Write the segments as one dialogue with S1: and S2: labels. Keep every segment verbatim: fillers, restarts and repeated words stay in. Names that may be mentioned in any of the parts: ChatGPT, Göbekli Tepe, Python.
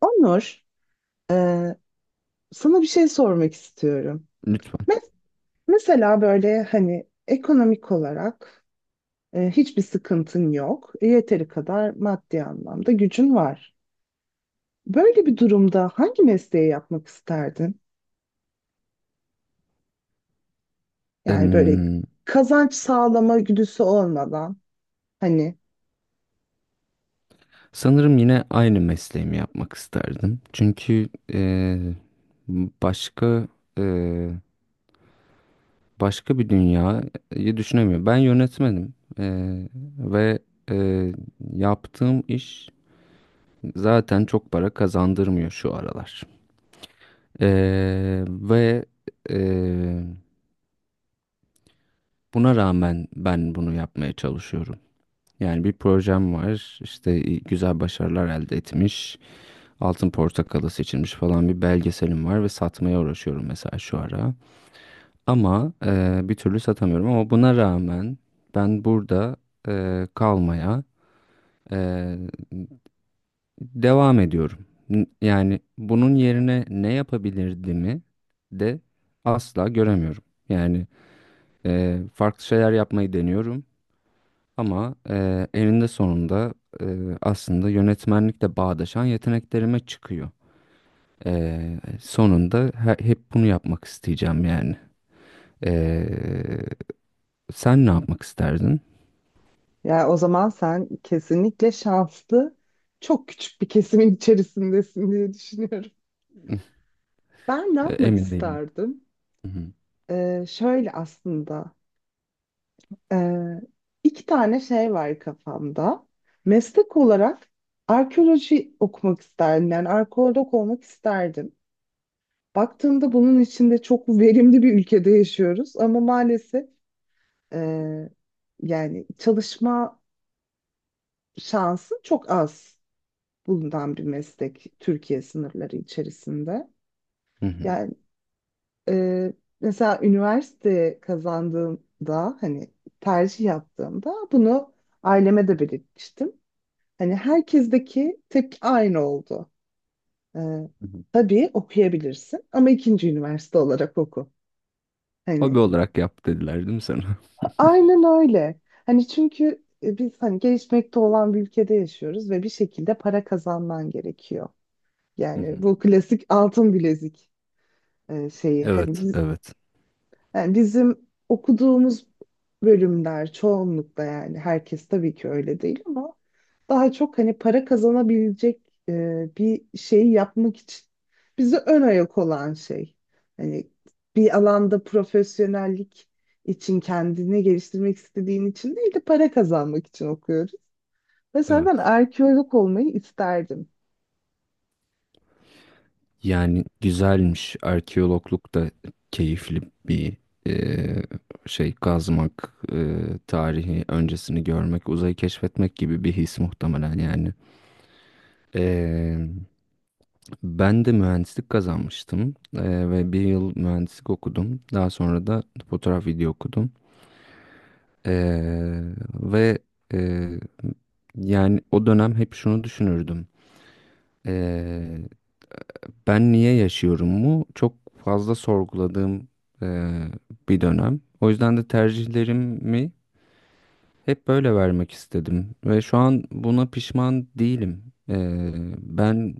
S1: Onur, e, sana bir şey sormak istiyorum.
S2: Lütfen.
S1: Me- Mesela böyle hani ekonomik olarak e, hiçbir sıkıntın yok. E, Yeteri kadar maddi anlamda gücün var. Böyle bir durumda hangi mesleği yapmak isterdin? Yani böyle
S2: Em,
S1: kazanç sağlama güdüsü olmadan hani
S2: Sanırım yine aynı mesleğimi yapmak isterdim. Çünkü e, başka e, başka bir dünyayı düşünemiyorum. Ben yönetmenim. E, ve e, yaptığım iş zaten çok para kazandırmıyor şu aralar. E, ve e, Buna rağmen ben bunu yapmaya çalışıyorum. Yani bir projem var, işte güzel başarılar elde etmiş. Altın Portakalı seçilmiş falan bir belgeselim var ve satmaya uğraşıyorum mesela şu ara. Ama e, bir türlü satamıyorum ama buna rağmen ben burada e, kalmaya e, devam ediyorum. N- Yani bunun yerine ne yapabilirdimi de asla göremiyorum. Yani e, farklı şeyler yapmayı deniyorum ama e, eninde sonunda e, aslında yönetmenlikle bağdaşan yeteneklerime çıkıyor. Ee, sonunda he- hep bunu yapmak isteyeceğim yani. Ee, Sen ne yapmak isterdin?
S1: ya o zaman sen kesinlikle şanslı çok küçük bir kesimin içerisindesin diye düşünüyorum. Ben ne
S2: Ee,
S1: yapmak
S2: Emin değilim.
S1: isterdim?
S2: Hı hı,
S1: E, şöyle aslında. Ee, iki tane şey var kafamda. Meslek olarak arkeoloji okumak isterdim. Yani arkeolog olmak isterdim. Baktığımda bunun içinde çok verimli bir ülkede yaşıyoruz ama maalesef e, yani çalışma şansı çok az bulunan bir meslek Türkiye sınırları içerisinde.
S2: hı hı,
S1: Yani e, mesela üniversite kazandığımda hani tercih yaptığımda bunu aileme de belirtmiştim. Hani herkesteki tek aynı oldu. Ee,
S2: hı hı.
S1: tabii okuyabilirsin ama ikinci üniversite olarak oku. Hani
S2: Hobi olarak yap dediler değil mi sana?
S1: aynen öyle. Hani çünkü e, biz hani gelişmekte olan bir ülkede yaşıyoruz ve bir şekilde para kazanman gerekiyor.
S2: Hı
S1: Yani
S2: hı.
S1: bu klasik altın bilezik e, şeyi. Hani
S2: Evet,
S1: biz
S2: evet,
S1: yani bizim okuduğumuz bölümler çoğunlukla yani herkes tabii ki öyle değil ama daha çok hani para kazanabilecek e, bir şeyi yapmak için bize ön ayak olan şey. Hani bir alanda profesyonellik için kendini geliştirmek istediğin için değil de para kazanmak için okuyoruz. Mesela
S2: evet.
S1: ben arkeolog olmayı isterdim.
S2: Yani güzelmiş. Arkeologluk da keyifli bir e, şey, kazmak, e, tarihi öncesini görmek, uzayı keşfetmek gibi bir his muhtemelen yani. E, Ben de mühendislik kazanmıştım. Eee, ve bir yıl mühendislik okudum. Daha sonra da fotoğraf video okudum. Eee, ve eee, yani o dönem hep şunu düşünürdüm. Eee, Ben niye yaşıyorum mu? Çok fazla sorguladığım eee, bir dönem. O yüzden de tercihlerimi hep böyle vermek istedim. Ve şu an buna pişman değilim. Eee, ben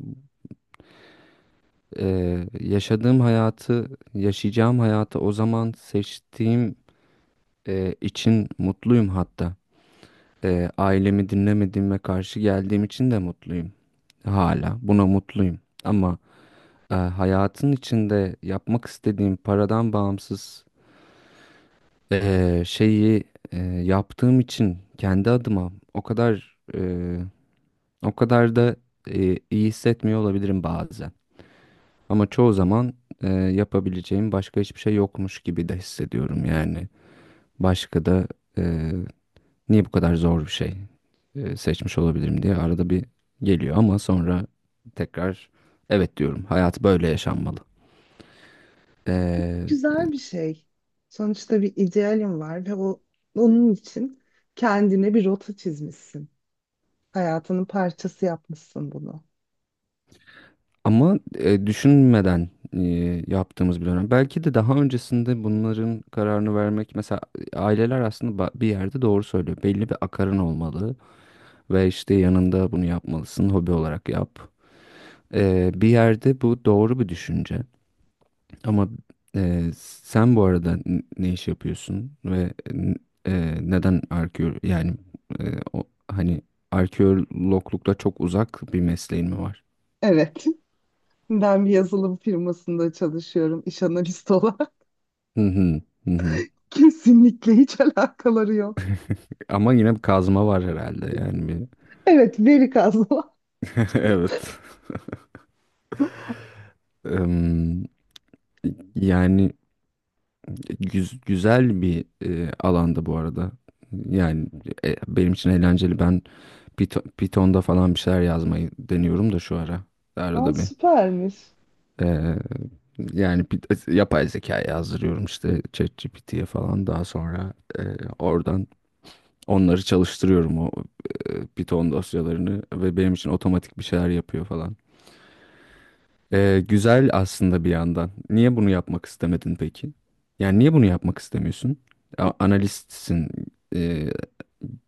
S2: Eee, yaşadığım hayatı, yaşayacağım hayatı o zaman seçtiğim eee, için mutluyum hatta. Eee, ailemi dinlemediğime karşı geldiğim için de mutluyum. Hala buna mutluyum. Ama eee, hayatın içinde yapmak istediğim paradan bağımsız eee, şeyi eee, yaptığım için kendi adıma o kadar eee, o kadar da eee, iyi hissetmiyor olabilirim bazen. Ama çoğu zaman e, yapabileceğim başka hiçbir şey yokmuş gibi de hissediyorum yani. Başka da e, niye bu kadar zor bir şey e, seçmiş olabilirim diye arada bir geliyor ama sonra tekrar evet diyorum. Hayat böyle yaşanmalı. E,
S1: Güzel bir şey. Sonuçta bir idealim var ve o onun için kendine bir rota çizmişsin. Hayatının parçası yapmışsın bunu.
S2: ama e, Düşünmeden e, yaptığımız bir dönem. Belki de daha öncesinde bunların kararını vermek, mesela aileler aslında ba- bir yerde doğru söylüyor. Belli bir akarın olmalı ve işte yanında bunu yapmalısın. Hobi olarak yap. Ee, bir yerde bu doğru bir düşünce ama e, sen bu arada n- ne iş yapıyorsun ve n- e, neden arkeolog yani, e, o, hani arkeologlukla çok uzak bir mesleğin mi var?
S1: Evet. Ben bir yazılım firmasında çalışıyorum iş analisti olarak.
S2: Hı hı, hı hı.
S1: Kesinlikle hiç alakaları yok.
S2: Ama yine bir kazma var herhalde yani, bir.
S1: Evet, veri kazma.
S2: Evet. Em, Yani güz- güzel bir e, alanda bu arada. Yani e, benim için eğlenceli. Ben Python- Python'da falan bir şeyler yazmayı deniyorum da şu ara.
S1: Aa,
S2: Arada bir.
S1: süpermiş.
S2: Ee, Yani bir- yapay zeka yazdırıyorum işte ChatGPT'ye falan. Daha sonra e, oradan onları çalıştırıyorum, o e, Python dosyalarını, ve benim için otomatik bir şeyler yapıyor falan. Ee, güzel aslında bir yandan. Niye bunu yapmak istemedin peki? Yani niye bunu yapmak istemiyorsun? A- analistsin. Ee,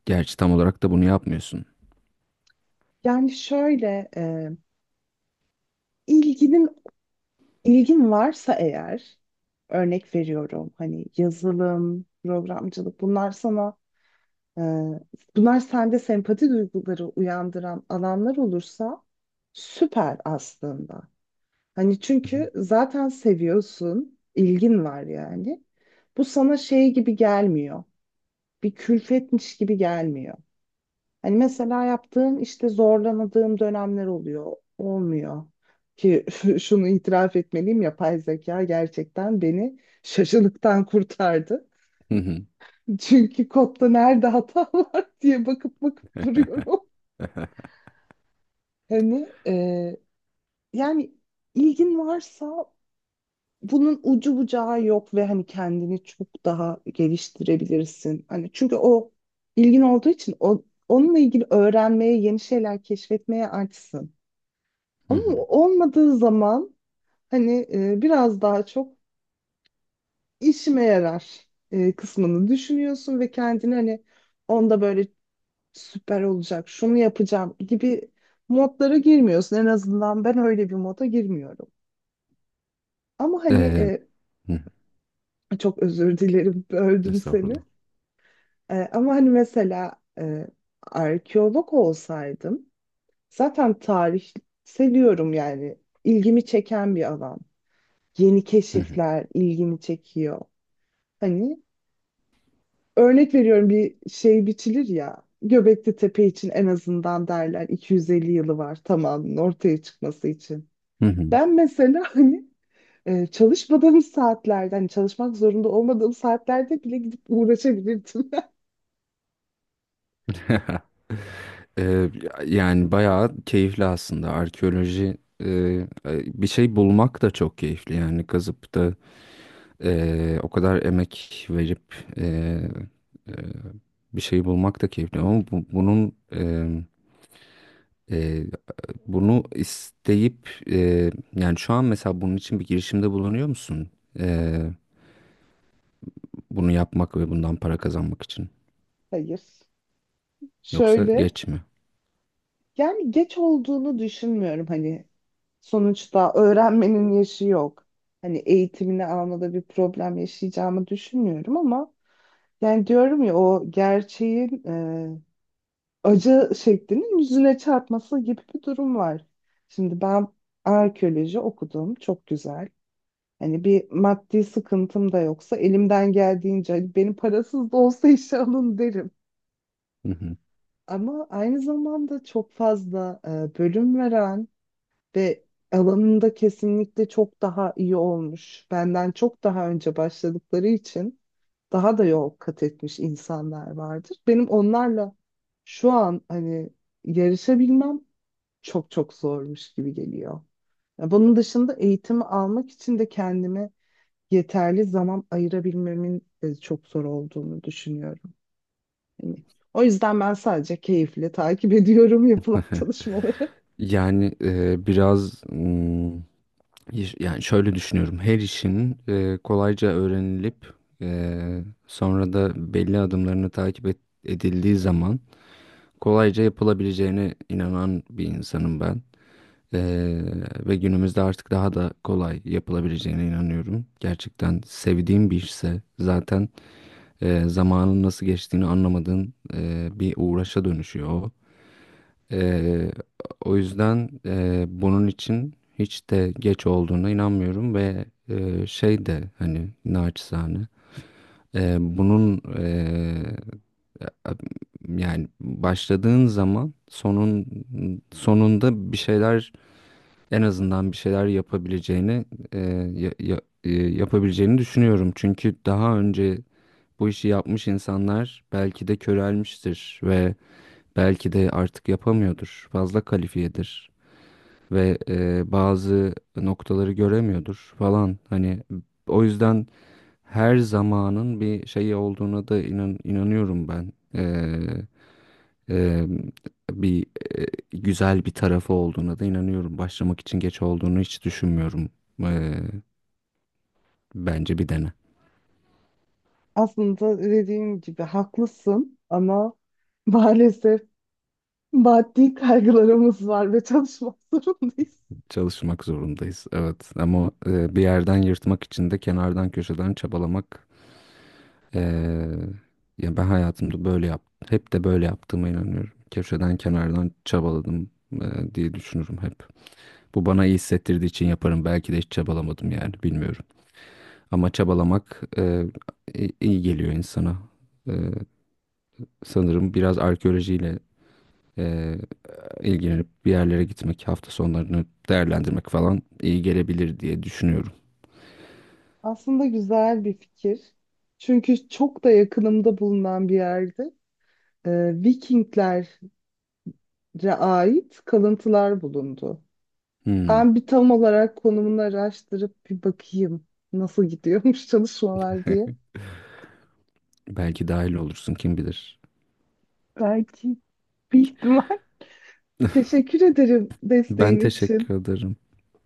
S2: Gerçi tam olarak da bunu yapmıyorsun.
S1: Yani şöyle e, ilginin ilgin varsa eğer örnek veriyorum hani yazılım, programcılık bunlar sana e, bunlar sende sempati duyguları uyandıran alanlar olursa süper aslında. Hani
S2: Hı hı.
S1: çünkü zaten seviyorsun, ilgin var yani. Bu sana şey gibi gelmiyor. Bir külfetmiş gibi gelmiyor. Hani mesela yaptığım işte zorlanadığım dönemler oluyor, olmuyor. Ki şunu itiraf etmeliyim, yapay zeka gerçekten beni şaşılıktan kurtardı.
S2: Hı hı.
S1: Çünkü kodda nerede hata var diye bakıp bakıp duruyorum. Hani e, yani ilgin varsa bunun ucu bucağı yok ve hani kendini çok daha geliştirebilirsin. Hani çünkü o ilgin olduğu için o, onunla ilgili öğrenmeye, yeni şeyler keşfetmeye açsın.
S2: Hı
S1: Ama
S2: hı.
S1: olmadığı zaman hani e, biraz daha çok işime yarar e, kısmını düşünüyorsun ve kendini hani onda böyle süper olacak, şunu yapacağım gibi modlara girmiyorsun. En azından ben öyle bir moda girmiyorum. Ama hani
S2: Ee,
S1: e,
S2: Hı hı.
S1: çok özür dilerim, böldüm seni.
S2: Estağfurullah.
S1: Ee, ama hani mesela e, arkeolog olsaydım zaten tarih seviyorum yani ilgimi çeken bir alan. Yeni
S2: Hı hı.
S1: keşifler ilgimi çekiyor. Hani örnek veriyorum bir şey biçilir ya Göbekli Tepe için en azından derler iki yüz elli yılı var tamamının ortaya çıkması için.
S2: Hı hı.
S1: Ben mesela hani e, çalışmadığım saatlerde hani çalışmak zorunda olmadığım saatlerde bile gidip uğraşabilirdim.
S2: Eee, Yani bayağı keyifli aslında arkeoloji. Eee, bir şey bulmak da çok keyifli, yani kazıp da eee, o kadar emek verip eee, eee, bir şey bulmak da keyifli ama bu- bunun eee, eee, bunu isteyip eee, yani şu an mesela bunun için bir girişimde bulunuyor musun? Eee, Bunu yapmak ve bundan para kazanmak için,
S1: Hayır.
S2: yoksa
S1: Şöyle,
S2: geç mi?
S1: yani geç olduğunu düşünmüyorum hani sonuçta öğrenmenin yaşı yok. Hani eğitimini almada bir problem yaşayacağımı düşünmüyorum ama yani diyorum ya o gerçeğin e, acı şeklinin yüzüne çarpması gibi bir durum var. Şimdi ben arkeoloji okudum, çok güzel. Hani bir maddi sıkıntım da yoksa elimden geldiğince hani benim parasız da olsa işe alın derim. Ama aynı zamanda çok fazla e, bölüm veren ve alanında kesinlikle çok daha iyi olmuş. Benden çok daha önce başladıkları için daha da yol kat etmiş insanlar vardır. Benim onlarla şu an hani yarışabilmem çok çok zormuş gibi geliyor. Ya bunun dışında eğitimi almak için de kendimi yeterli zaman ayırabilmemin de çok zor olduğunu düşünüyorum. Hani o yüzden ben sadece keyifle takip ediyorum yapılan çalışmaları.
S2: Yani e, biraz, mm, iş- yani şöyle düşünüyorum. Her işin e, kolayca öğrenilip e, sonra da belli adımlarını takip et- edildiği zaman kolayca yapılabileceğine inanan bir insanım ben. E, ve günümüzde artık daha da kolay yapılabileceğine inanıyorum. Gerçekten sevdiğim bir işse zaten e, zamanın nasıl geçtiğini anlamadığın e, bir uğraşa dönüşüyor o. Eee, O yüzden eee, bunun için hiç de geç olduğuna inanmıyorum ve eee, şey de, hani, naçizane eee, bunun eee, yani başladığın zaman sonun sonunda bir şeyler, en azından bir şeyler yapabileceğini eee, ya- ya- eee, yapabileceğini düşünüyorum. Çünkü daha önce bu işi yapmış insanlar belki de körelmiştir ve belki de artık yapamıyordur. Fazla kalifiyedir ve e, bazı noktaları göremiyordur falan. Hani o yüzden her zamanın bir şeyi olduğuna da inan, inanıyorum ben. E, e, bir e, Güzel bir tarafı olduğuna da inanıyorum. Başlamak için geç olduğunu hiç düşünmüyorum. E, Bence bir dene.
S1: Aslında dediğim gibi haklısın ama maalesef maddi kaygılarımız var ve çalışmak zorundayız.
S2: Çalışmak zorundayız. Evet, ama e, bir yerden yırtmak için de kenardan köşeden çabalamak. Ee, Ya, ben hayatımda böyle yaptım. Hep de böyle yaptığıma inanıyorum. Köşeden kenardan çabaladım e, diye düşünürüm hep. Bu bana iyi hissettirdiği için yaparım. Belki de hiç çabalamadım yani, bilmiyorum. Ama çabalamak e, i- iyi geliyor insana. E, Sanırım biraz arkeolojiyle e, ilgilenip bir yerlere gitmek, hafta sonlarını değerlendirmek falan iyi gelebilir diye düşünüyorum.
S1: Aslında güzel bir fikir. Çünkü çok da yakınımda bulunan bir yerde e, Vikinglere ait kalıntılar bulundu.
S2: Hmm.
S1: Ben bir tam olarak konumunu araştırıp bir bakayım nasıl gidiyormuş çalışmalar diye.
S2: Belki dahil olursun, kim bilir.
S1: Belki bir ihtimal. Teşekkür ederim
S2: Ben
S1: desteğin
S2: teşekkür
S1: için.
S2: ederim.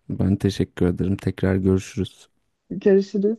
S2: Ben teşekkür ederim. Tekrar görüşürüz.
S1: Görüşürüz.